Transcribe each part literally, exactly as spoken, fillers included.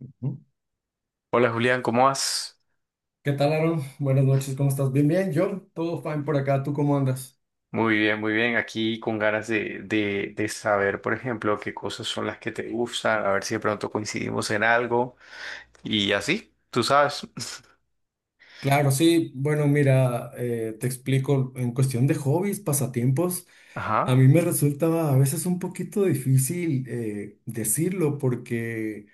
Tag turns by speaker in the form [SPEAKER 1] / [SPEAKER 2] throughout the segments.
[SPEAKER 1] ¿Qué
[SPEAKER 2] Hola Julián, ¿cómo vas?
[SPEAKER 1] tal, Aaron? Buenas noches, ¿cómo estás? Bien, bien, yo, todo fine por acá, ¿tú cómo andas?
[SPEAKER 2] Muy bien, muy bien. Aquí con ganas de, de, de saber, por ejemplo, qué cosas son las que te gustan, a ver si de pronto coincidimos en algo y así, tú sabes.
[SPEAKER 1] Claro, sí, bueno, mira, eh, te explico, en cuestión de hobbies, pasatiempos, a
[SPEAKER 2] Ajá.
[SPEAKER 1] mí me resulta a veces un poquito difícil eh, decirlo porque,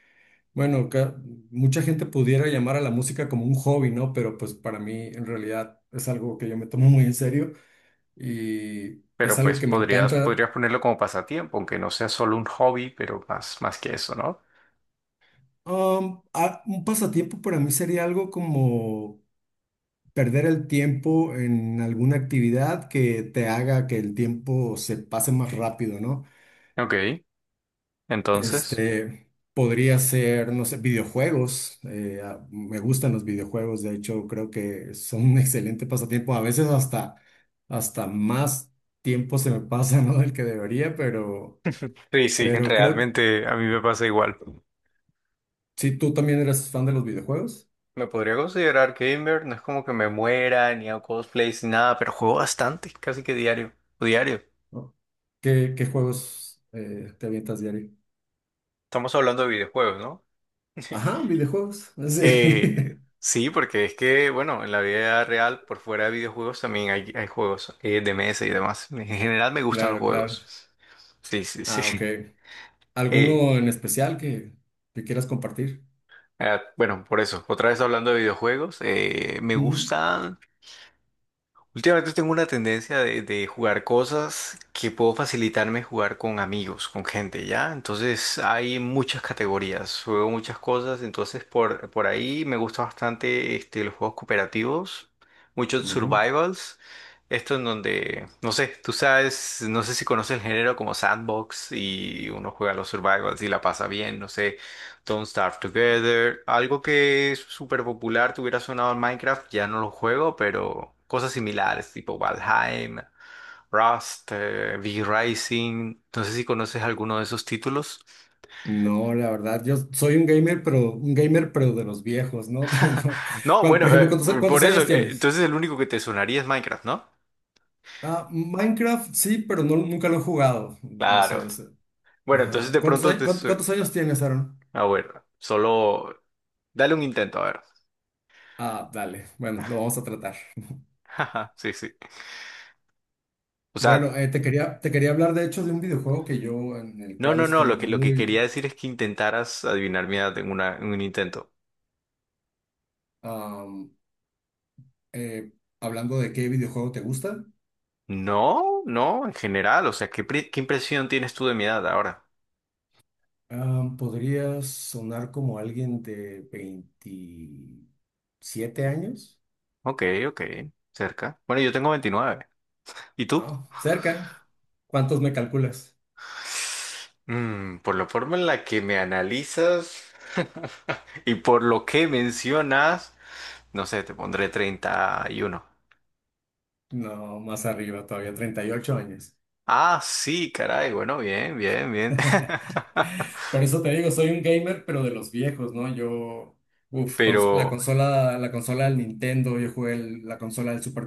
[SPEAKER 1] bueno, ca- mucha gente pudiera llamar a la música como un hobby, ¿no? Pero pues para mí en realidad es algo que yo me tomo muy en serio y es
[SPEAKER 2] Pero
[SPEAKER 1] algo
[SPEAKER 2] pues
[SPEAKER 1] que me
[SPEAKER 2] podrías,
[SPEAKER 1] encanta.
[SPEAKER 2] podrías ponerlo como pasatiempo, aunque no sea solo un hobby, pero más, más que eso, ¿no?
[SPEAKER 1] Um, a- un pasatiempo para mí sería algo como perder el tiempo en alguna actividad que te haga que el tiempo se pase más rápido, ¿no?
[SPEAKER 2] Ok, entonces.
[SPEAKER 1] Este, podría ser, no sé, videojuegos. Eh, a- me gustan los videojuegos, de hecho, creo que son un excelente pasatiempo. A veces hasta, hasta más tiempo se me pasa, ¿no? Del que debería, pero,
[SPEAKER 2] Sí, sí,
[SPEAKER 1] pero creo que
[SPEAKER 2] realmente a mí me pasa igual.
[SPEAKER 1] sí, tú también eres fan de los videojuegos,
[SPEAKER 2] Me podría considerar gamer, no es como que me muera, ni hago cosplays, ni nada, pero juego bastante, casi que diario, o diario.
[SPEAKER 1] ¿no? ¿Qué, qué juegos eh, te avientas diario?
[SPEAKER 2] Estamos hablando de videojuegos, ¿no?
[SPEAKER 1] Ajá, videojuegos.
[SPEAKER 2] Eh,
[SPEAKER 1] Sí.
[SPEAKER 2] sí, porque es que, bueno, en la vida real, por fuera de videojuegos, también hay, hay juegos eh, de mesa y demás. En general me gustan los
[SPEAKER 1] Claro, claro.
[SPEAKER 2] juegos. Sí, sí,
[SPEAKER 1] Ah, ok.
[SPEAKER 2] sí. Eh,
[SPEAKER 1] ¿Alguno en especial que, que quieras compartir?
[SPEAKER 2] ah, bueno, por eso, otra vez hablando de videojuegos, eh, me
[SPEAKER 1] Ujú,
[SPEAKER 2] gustan. Últimamente tengo una tendencia de, de jugar cosas que puedo facilitarme jugar con amigos, con gente, ¿ya? Entonces hay muchas categorías, juego muchas cosas, entonces por, por ahí me gusta bastante este, los juegos cooperativos, muchos
[SPEAKER 1] ujú.
[SPEAKER 2] survivals, esto en donde, no sé, tú sabes, no sé si conoces el género como sandbox y uno juega los survivals y la pasa bien, no sé. Don't Starve Together. Algo que es súper popular, te hubiera sonado en Minecraft, ya no lo juego, pero cosas similares, tipo Valheim, Rust, eh, V-Rising. No sé si conoces alguno de esos títulos.
[SPEAKER 1] No, la verdad, yo soy un gamer, pero un gamer, pero de los viejos, ¿no? No.
[SPEAKER 2] No,
[SPEAKER 1] Cuan-
[SPEAKER 2] bueno,
[SPEAKER 1] Por ejemplo,
[SPEAKER 2] eh,
[SPEAKER 1] ¿cuántos,
[SPEAKER 2] por
[SPEAKER 1] cuántos
[SPEAKER 2] eso,
[SPEAKER 1] años
[SPEAKER 2] eh,
[SPEAKER 1] tienes?
[SPEAKER 2] entonces el único que te sonaría es Minecraft, ¿no?
[SPEAKER 1] Ah, Minecraft sí, pero no, nunca lo he jugado. No
[SPEAKER 2] Claro.
[SPEAKER 1] sé ese.
[SPEAKER 2] Bueno, entonces
[SPEAKER 1] Ajá.
[SPEAKER 2] de
[SPEAKER 1] ¿Cuántos,
[SPEAKER 2] pronto
[SPEAKER 1] a-
[SPEAKER 2] te...
[SPEAKER 1] cuánt-
[SPEAKER 2] su-.
[SPEAKER 1] cuántos años tienes, Aaron?
[SPEAKER 2] A ver, solo dale un intento, a ver.
[SPEAKER 1] Ah, dale. Bueno, lo vamos a tratar.
[SPEAKER 2] Sí, sí. O
[SPEAKER 1] Bueno,
[SPEAKER 2] sea,
[SPEAKER 1] eh, te quería, te quería hablar de hecho de un videojuego que yo, en el
[SPEAKER 2] no,
[SPEAKER 1] cual
[SPEAKER 2] no, no,
[SPEAKER 1] estoy
[SPEAKER 2] lo que, lo que
[SPEAKER 1] muy,
[SPEAKER 2] quería decir es que intentaras adivinar mi edad en una, en un intento.
[SPEAKER 1] am, eh, hablando de qué videojuego te gusta.
[SPEAKER 2] No, no, en general, o sea, ¿qué, pri- qué impresión tienes tú de mi edad ahora?
[SPEAKER 1] Ah, podría sonar como alguien de veintisiete años.
[SPEAKER 2] Ok, ok, cerca. Bueno, yo tengo veintinueve. ¿Y tú?
[SPEAKER 1] No, cerca. ¿Cuántos me calculas?
[SPEAKER 2] Mm, por la forma en la que me analizas y por lo que mencionas, no sé, te pondré treinta y uno.
[SPEAKER 1] No, más arriba, todavía treinta y ocho años.
[SPEAKER 2] Ah, sí, caray, bueno, bien, bien, bien.
[SPEAKER 1] Por eso te digo, soy un gamer, pero de los viejos, ¿no? Yo, uff, cons- la
[SPEAKER 2] Pero
[SPEAKER 1] consola, la consola del Nintendo, yo jugué el- la consola del Super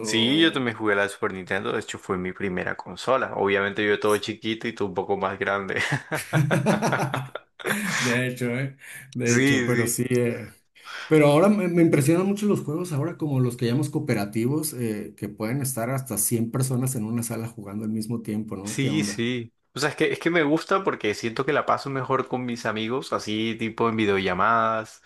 [SPEAKER 2] sí, yo también jugué a la Super Nintendo, de hecho fue mi primera consola. Obviamente yo todo chiquito y tú un poco más grande.
[SPEAKER 1] De hecho, ¿eh? De hecho,
[SPEAKER 2] Sí,
[SPEAKER 1] pero
[SPEAKER 2] sí.
[SPEAKER 1] sí. eh, Pero ahora me, me impresionan mucho los juegos, ahora como los que llamamos cooperativos, eh, que pueden estar hasta cien personas en una sala jugando al mismo tiempo, ¿no? ¿Qué
[SPEAKER 2] Sí,
[SPEAKER 1] onda?
[SPEAKER 2] sí. O sea, es que, es que me gusta porque siento que la paso mejor con mis amigos, así tipo en videollamadas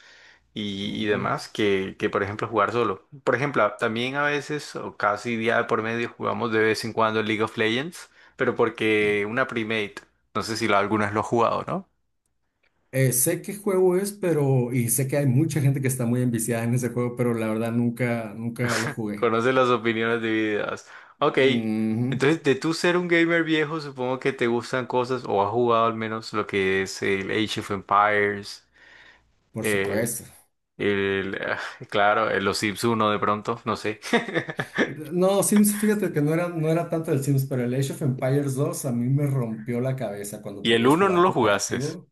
[SPEAKER 2] y, y
[SPEAKER 1] Ujú.
[SPEAKER 2] demás, que, que por ejemplo jugar solo. Por ejemplo, a- también a veces, o casi día de por medio, jugamos de vez en cuando League of Legends, pero porque una primate, no sé si lo, alguna vez lo has jugado, ¿no?
[SPEAKER 1] Eh, sé qué juego es, pero, y sé que hay mucha gente que está muy enviciada en ese juego, pero la verdad nunca, nunca lo jugué.
[SPEAKER 2] Conoce las opiniones divididas. Ok,
[SPEAKER 1] Ujú,
[SPEAKER 2] entonces de tú ser un gamer viejo, supongo que te gustan cosas, o has jugado al menos lo que es el Age of Empires
[SPEAKER 1] por
[SPEAKER 2] eh,
[SPEAKER 1] supuesto.
[SPEAKER 2] El, ah, claro, el- los Sims uno de pronto, no sé.
[SPEAKER 1] No, Sims, fíjate que no era, no era tanto el Sims, pero el Age of Empires dos a mí me rompió la cabeza cuando
[SPEAKER 2] Y el
[SPEAKER 1] podías
[SPEAKER 2] uno no
[SPEAKER 1] jugar
[SPEAKER 2] lo jugases.
[SPEAKER 1] cooperativo.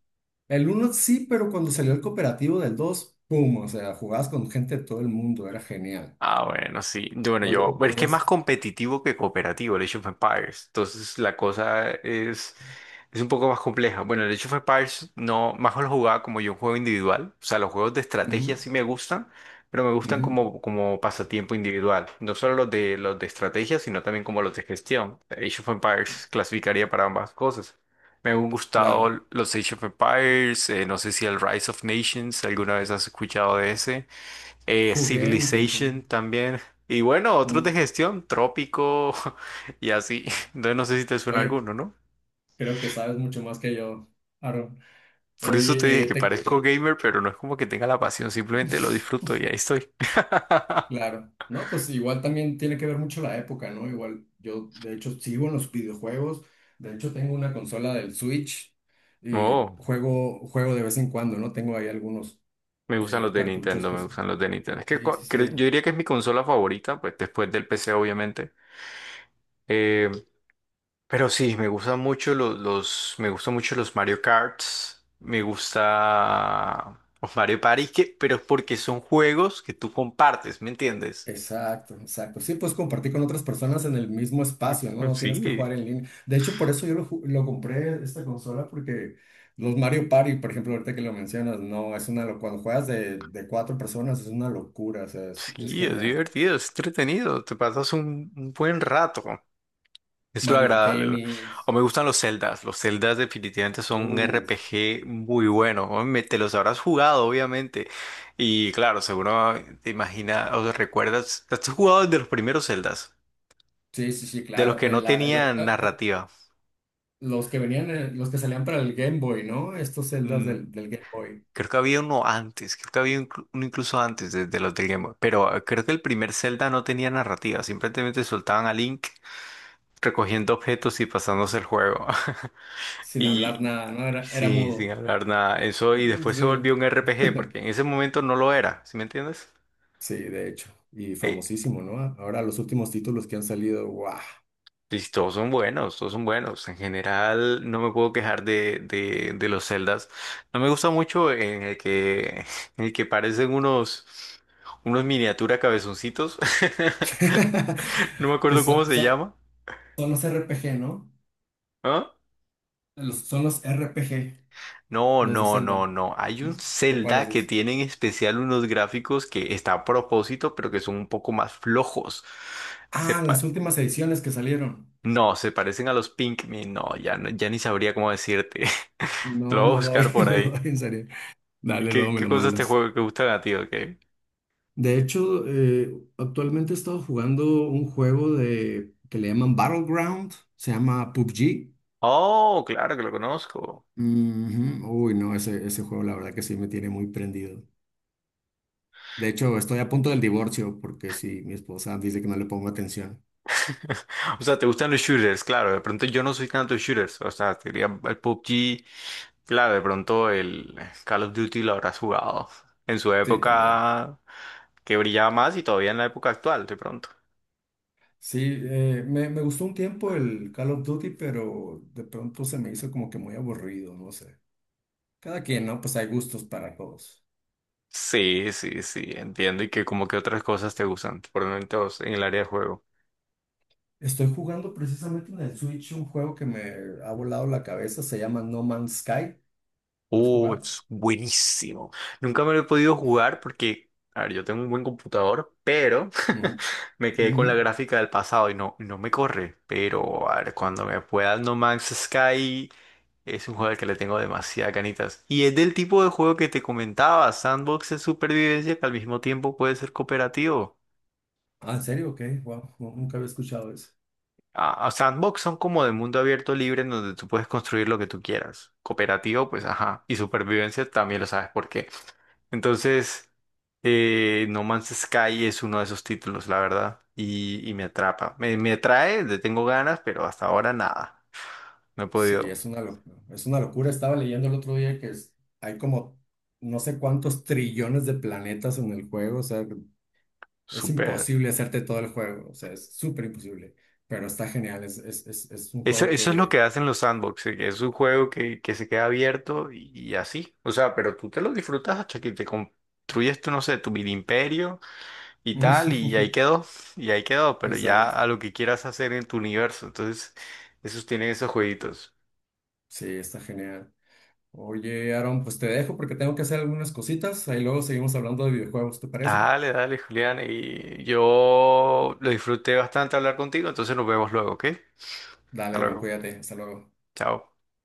[SPEAKER 1] El uno sí, pero cuando salió el cooperativo del dos, ¡pum! O sea, jugabas con gente de todo el mundo, era genial.
[SPEAKER 2] Ah, bueno, sí. Yo- Bueno, yo,
[SPEAKER 1] Pod-
[SPEAKER 2] pero es que es más
[SPEAKER 1] Podías...
[SPEAKER 2] competitivo que cooperativo el Age of Empires. Entonces la cosa es, es un poco más compleja. Bueno, el Age of Empires no, más lo jugaba como yo un juego individual. O sea, los juegos de
[SPEAKER 1] Ujú,
[SPEAKER 2] estrategia sí me gustan, pero me gustan
[SPEAKER 1] ujú,
[SPEAKER 2] como, como pasatiempo individual. No solo los de, los de estrategia, sino también como los de gestión. Age of Empires clasificaría para ambas cosas. Me han
[SPEAKER 1] claro,
[SPEAKER 2] gustado los Age of Empires, eh, no sé si el Rise of Nations, ¿alguna vez has escuchado de ese? Eh,
[SPEAKER 1] jugué un tiempo.
[SPEAKER 2] Civilization también. Y bueno, otros de
[SPEAKER 1] Mm,
[SPEAKER 2] gestión, Trópico y así. Entonces no sé si te suena
[SPEAKER 1] oye,
[SPEAKER 2] alguno, ¿no?
[SPEAKER 1] creo que sabes mucho más que yo, Aaron.
[SPEAKER 2] Por eso te
[SPEAKER 1] Oye,
[SPEAKER 2] dije
[SPEAKER 1] eh,
[SPEAKER 2] que
[SPEAKER 1] te...
[SPEAKER 2] parezco gamer, pero no es como que tenga la pasión, simplemente lo disfruto y ahí estoy.
[SPEAKER 1] Claro, no, pues igual también tiene que ver mucho la época, ¿no? Igual yo, de hecho, sigo en los videojuegos, de hecho tengo una consola del Switch y
[SPEAKER 2] Oh,
[SPEAKER 1] juego, juego de vez en cuando, ¿no? Tengo ahí algunos
[SPEAKER 2] me gustan los
[SPEAKER 1] eh,
[SPEAKER 2] de
[SPEAKER 1] cartuchos
[SPEAKER 2] Nintendo,
[SPEAKER 1] que
[SPEAKER 2] me
[SPEAKER 1] son.
[SPEAKER 2] gustan los de Nintendo. Es que
[SPEAKER 1] Sí, sí,
[SPEAKER 2] cua- cre-
[SPEAKER 1] sí.
[SPEAKER 2] yo diría que es mi consola favorita, pues después del P C, obviamente. Eh, Pero sí, me gustan mucho los, los, me gustan mucho los Mario Karts, me gusta los Mario Party, que, pero porque son juegos que tú compartes, ¿me entiendes?
[SPEAKER 1] Exacto, exacto. Sí, pues compartir con otras personas en el mismo espacio, ¿no?
[SPEAKER 2] Mm.
[SPEAKER 1] No tienes que
[SPEAKER 2] Sí,
[SPEAKER 1] jugar en línea. De hecho, por eso yo lo, ju- lo compré esta consola, porque los Mario Party, por ejemplo, ahorita que lo mencionas, no, es una locura. Cuando juegas de, de cuatro personas es una locura, o sea, es es
[SPEAKER 2] sí, es
[SPEAKER 1] genial.
[SPEAKER 2] divertido, es entretenido, te pasas un, un buen rato, es lo
[SPEAKER 1] Mario
[SPEAKER 2] agradable. lo-. O
[SPEAKER 1] Tennis.
[SPEAKER 2] me gustan los Zeldas, los Zeldas definitivamente son un
[SPEAKER 1] Uf.
[SPEAKER 2] R P G muy bueno, ¿no? Me- te los habrás jugado, obviamente, y claro, seguro te imaginas, o recuerdas, ¿has jugado desde los primeros Zeldas?
[SPEAKER 1] Sí, sí, sí,
[SPEAKER 2] De los
[SPEAKER 1] claro.
[SPEAKER 2] que
[SPEAKER 1] El-
[SPEAKER 2] no
[SPEAKER 1] la- el-
[SPEAKER 2] tenían
[SPEAKER 1] octa- el-
[SPEAKER 2] narrativa.
[SPEAKER 1] los que venían, eh, los que salían para el Game Boy, ¿no? Estos celdas
[SPEAKER 2] Mm,
[SPEAKER 1] del, del Game Boy,
[SPEAKER 2] creo que había uno antes, creo que había inclu- uno incluso antes de, de los del Game Boy, pero eh, creo que el primer Zelda no tenía narrativa, simplemente soltaban a Link recogiendo objetos y pasándose el juego.
[SPEAKER 1] sin hablar
[SPEAKER 2] Y
[SPEAKER 1] nada, ¿no? Era, era
[SPEAKER 2] sí, sin
[SPEAKER 1] mudo.
[SPEAKER 2] hablar nada, eso y después se
[SPEAKER 1] Sí.
[SPEAKER 2] volvió un R P G, porque en ese momento no lo era, ¿sí me entiendes?
[SPEAKER 1] Sí, de hecho. Y
[SPEAKER 2] Eh,
[SPEAKER 1] famosísimo, ¿no? Ahora los últimos títulos que han salido, ¡guau!
[SPEAKER 2] Y todos son buenos, todos son buenos. En general, no me puedo quejar de, de, de los Zeldas. No me gusta mucho en el que, en el que parecen unos, unos miniatura cabezoncitos. No me
[SPEAKER 1] Que
[SPEAKER 2] acuerdo cómo
[SPEAKER 1] son,
[SPEAKER 2] se
[SPEAKER 1] son-
[SPEAKER 2] llama.
[SPEAKER 1] son los R P G, ¿no?
[SPEAKER 2] ¿Ah?
[SPEAKER 1] Los- son los R P G,
[SPEAKER 2] No,
[SPEAKER 1] los de
[SPEAKER 2] no, no,
[SPEAKER 1] Zelda,
[SPEAKER 2] no. Hay un
[SPEAKER 1] ¿no? ¿O cuáles
[SPEAKER 2] Zelda que
[SPEAKER 1] dice?
[SPEAKER 2] tiene en especial unos gráficos que está a propósito, pero que son un poco más flojos. Se
[SPEAKER 1] Ah, las
[SPEAKER 2] pa-
[SPEAKER 1] últimas ediciones que salieron.
[SPEAKER 2] no, se parecen a los Pikmin. No, ya, no- ya ni sabría cómo decirte. Lo
[SPEAKER 1] No,
[SPEAKER 2] voy a
[SPEAKER 1] no
[SPEAKER 2] buscar
[SPEAKER 1] doy,
[SPEAKER 2] por
[SPEAKER 1] no
[SPEAKER 2] ahí.
[SPEAKER 1] doy, en serio.
[SPEAKER 2] ¿Y
[SPEAKER 1] Dale,
[SPEAKER 2] qué,
[SPEAKER 1] luego me
[SPEAKER 2] qué
[SPEAKER 1] lo
[SPEAKER 2] cosas te
[SPEAKER 1] mandas.
[SPEAKER 2] juego que gustan a ti, o...
[SPEAKER 1] De hecho, eh, actualmente he estado jugando un juego de que le llaman Battleground, se llama P U B G.
[SPEAKER 2] Oh, claro que lo conozco.
[SPEAKER 1] Ujú. Uy, no, ese, ese juego la verdad que sí me tiene muy prendido. De hecho, estoy a punto del divorcio porque sí, mi esposa dice que no le pongo atención.
[SPEAKER 2] O sea, te gustan los shooters, claro. De pronto yo no soy tanto de shooters. O sea, te diría el P U B G, claro, de pronto el Call of Duty lo habrás jugado. En su
[SPEAKER 1] Sí, también.
[SPEAKER 2] época que brillaba más y todavía en la época actual, de pronto.
[SPEAKER 1] Sí, eh, me, me gustó un tiempo el Call of Duty, pero de pronto se me hizo como que muy aburrido, no sé. Cada quien, ¿no? Pues hay gustos para todos.
[SPEAKER 2] Sí, sí, sí, entiendo. Y que como que otras cosas te gustan, por lo menos en el área de juego.
[SPEAKER 1] Estoy jugando precisamente en el Switch un juego que me ha volado la cabeza, se llama No Man's Sky. ¿Lo has
[SPEAKER 2] Uh,
[SPEAKER 1] jugado?
[SPEAKER 2] es buenísimo. Nunca me lo he podido jugar porque, a ver, yo tengo un buen computador, pero
[SPEAKER 1] Ujú,
[SPEAKER 2] me quedé con
[SPEAKER 1] ujú.
[SPEAKER 2] la gráfica del pasado y no, no me corre. Pero, a ver, cuando me pueda No Man's Sky, es un juego al que le tengo demasiadas ganitas. Y es del tipo de juego que te comentaba, sandbox de supervivencia que al mismo tiempo puede ser cooperativo.
[SPEAKER 1] Ah, ¿en serio? Ok, wow, no- nunca había escuchado eso.
[SPEAKER 2] Ah, ah, sandbox son como de mundo abierto libre en donde tú puedes construir lo que tú quieras. Cooperativo, pues ajá. Y supervivencia también lo sabes por qué. Entonces, eh, No Man's Sky es uno de esos títulos, la verdad. Y, y me atrapa. Me, me atrae, le tengo ganas, pero hasta ahora nada. No he
[SPEAKER 1] Sí,
[SPEAKER 2] podido
[SPEAKER 1] es una locura. Es una locura. Estaba leyendo el otro día que es- hay como no sé cuántos trillones de planetas en el juego. O sea, es
[SPEAKER 2] super.
[SPEAKER 1] imposible hacerte todo el juego. O sea, es súper imposible. Pero está genial. Es, es, es, es un
[SPEAKER 2] Eso,
[SPEAKER 1] juego
[SPEAKER 2] eso es lo
[SPEAKER 1] que.
[SPEAKER 2] que hacen los sandbox, eh, que es un juego que, que se queda abierto y, y así. O sea, pero tú te lo disfrutas hasta que te construyes, tú, no sé, tu mini imperio y tal, y ahí quedó, y ahí quedó, pero ya
[SPEAKER 1] Exacto.
[SPEAKER 2] a lo que quieras hacer en tu universo. Entonces, esos tienen esos jueguitos.
[SPEAKER 1] Sí, está genial. Oye, Aaron, pues te dejo porque tengo que hacer algunas cositas. Ahí luego seguimos hablando de videojuegos, ¿te parece?
[SPEAKER 2] Dale, dale, Julián, y yo lo disfruté bastante hablar contigo, entonces nos vemos luego, ¿ok? Hasta
[SPEAKER 1] Dale, Aaron,
[SPEAKER 2] luego.
[SPEAKER 1] cuídate. Hasta luego.
[SPEAKER 2] Chao.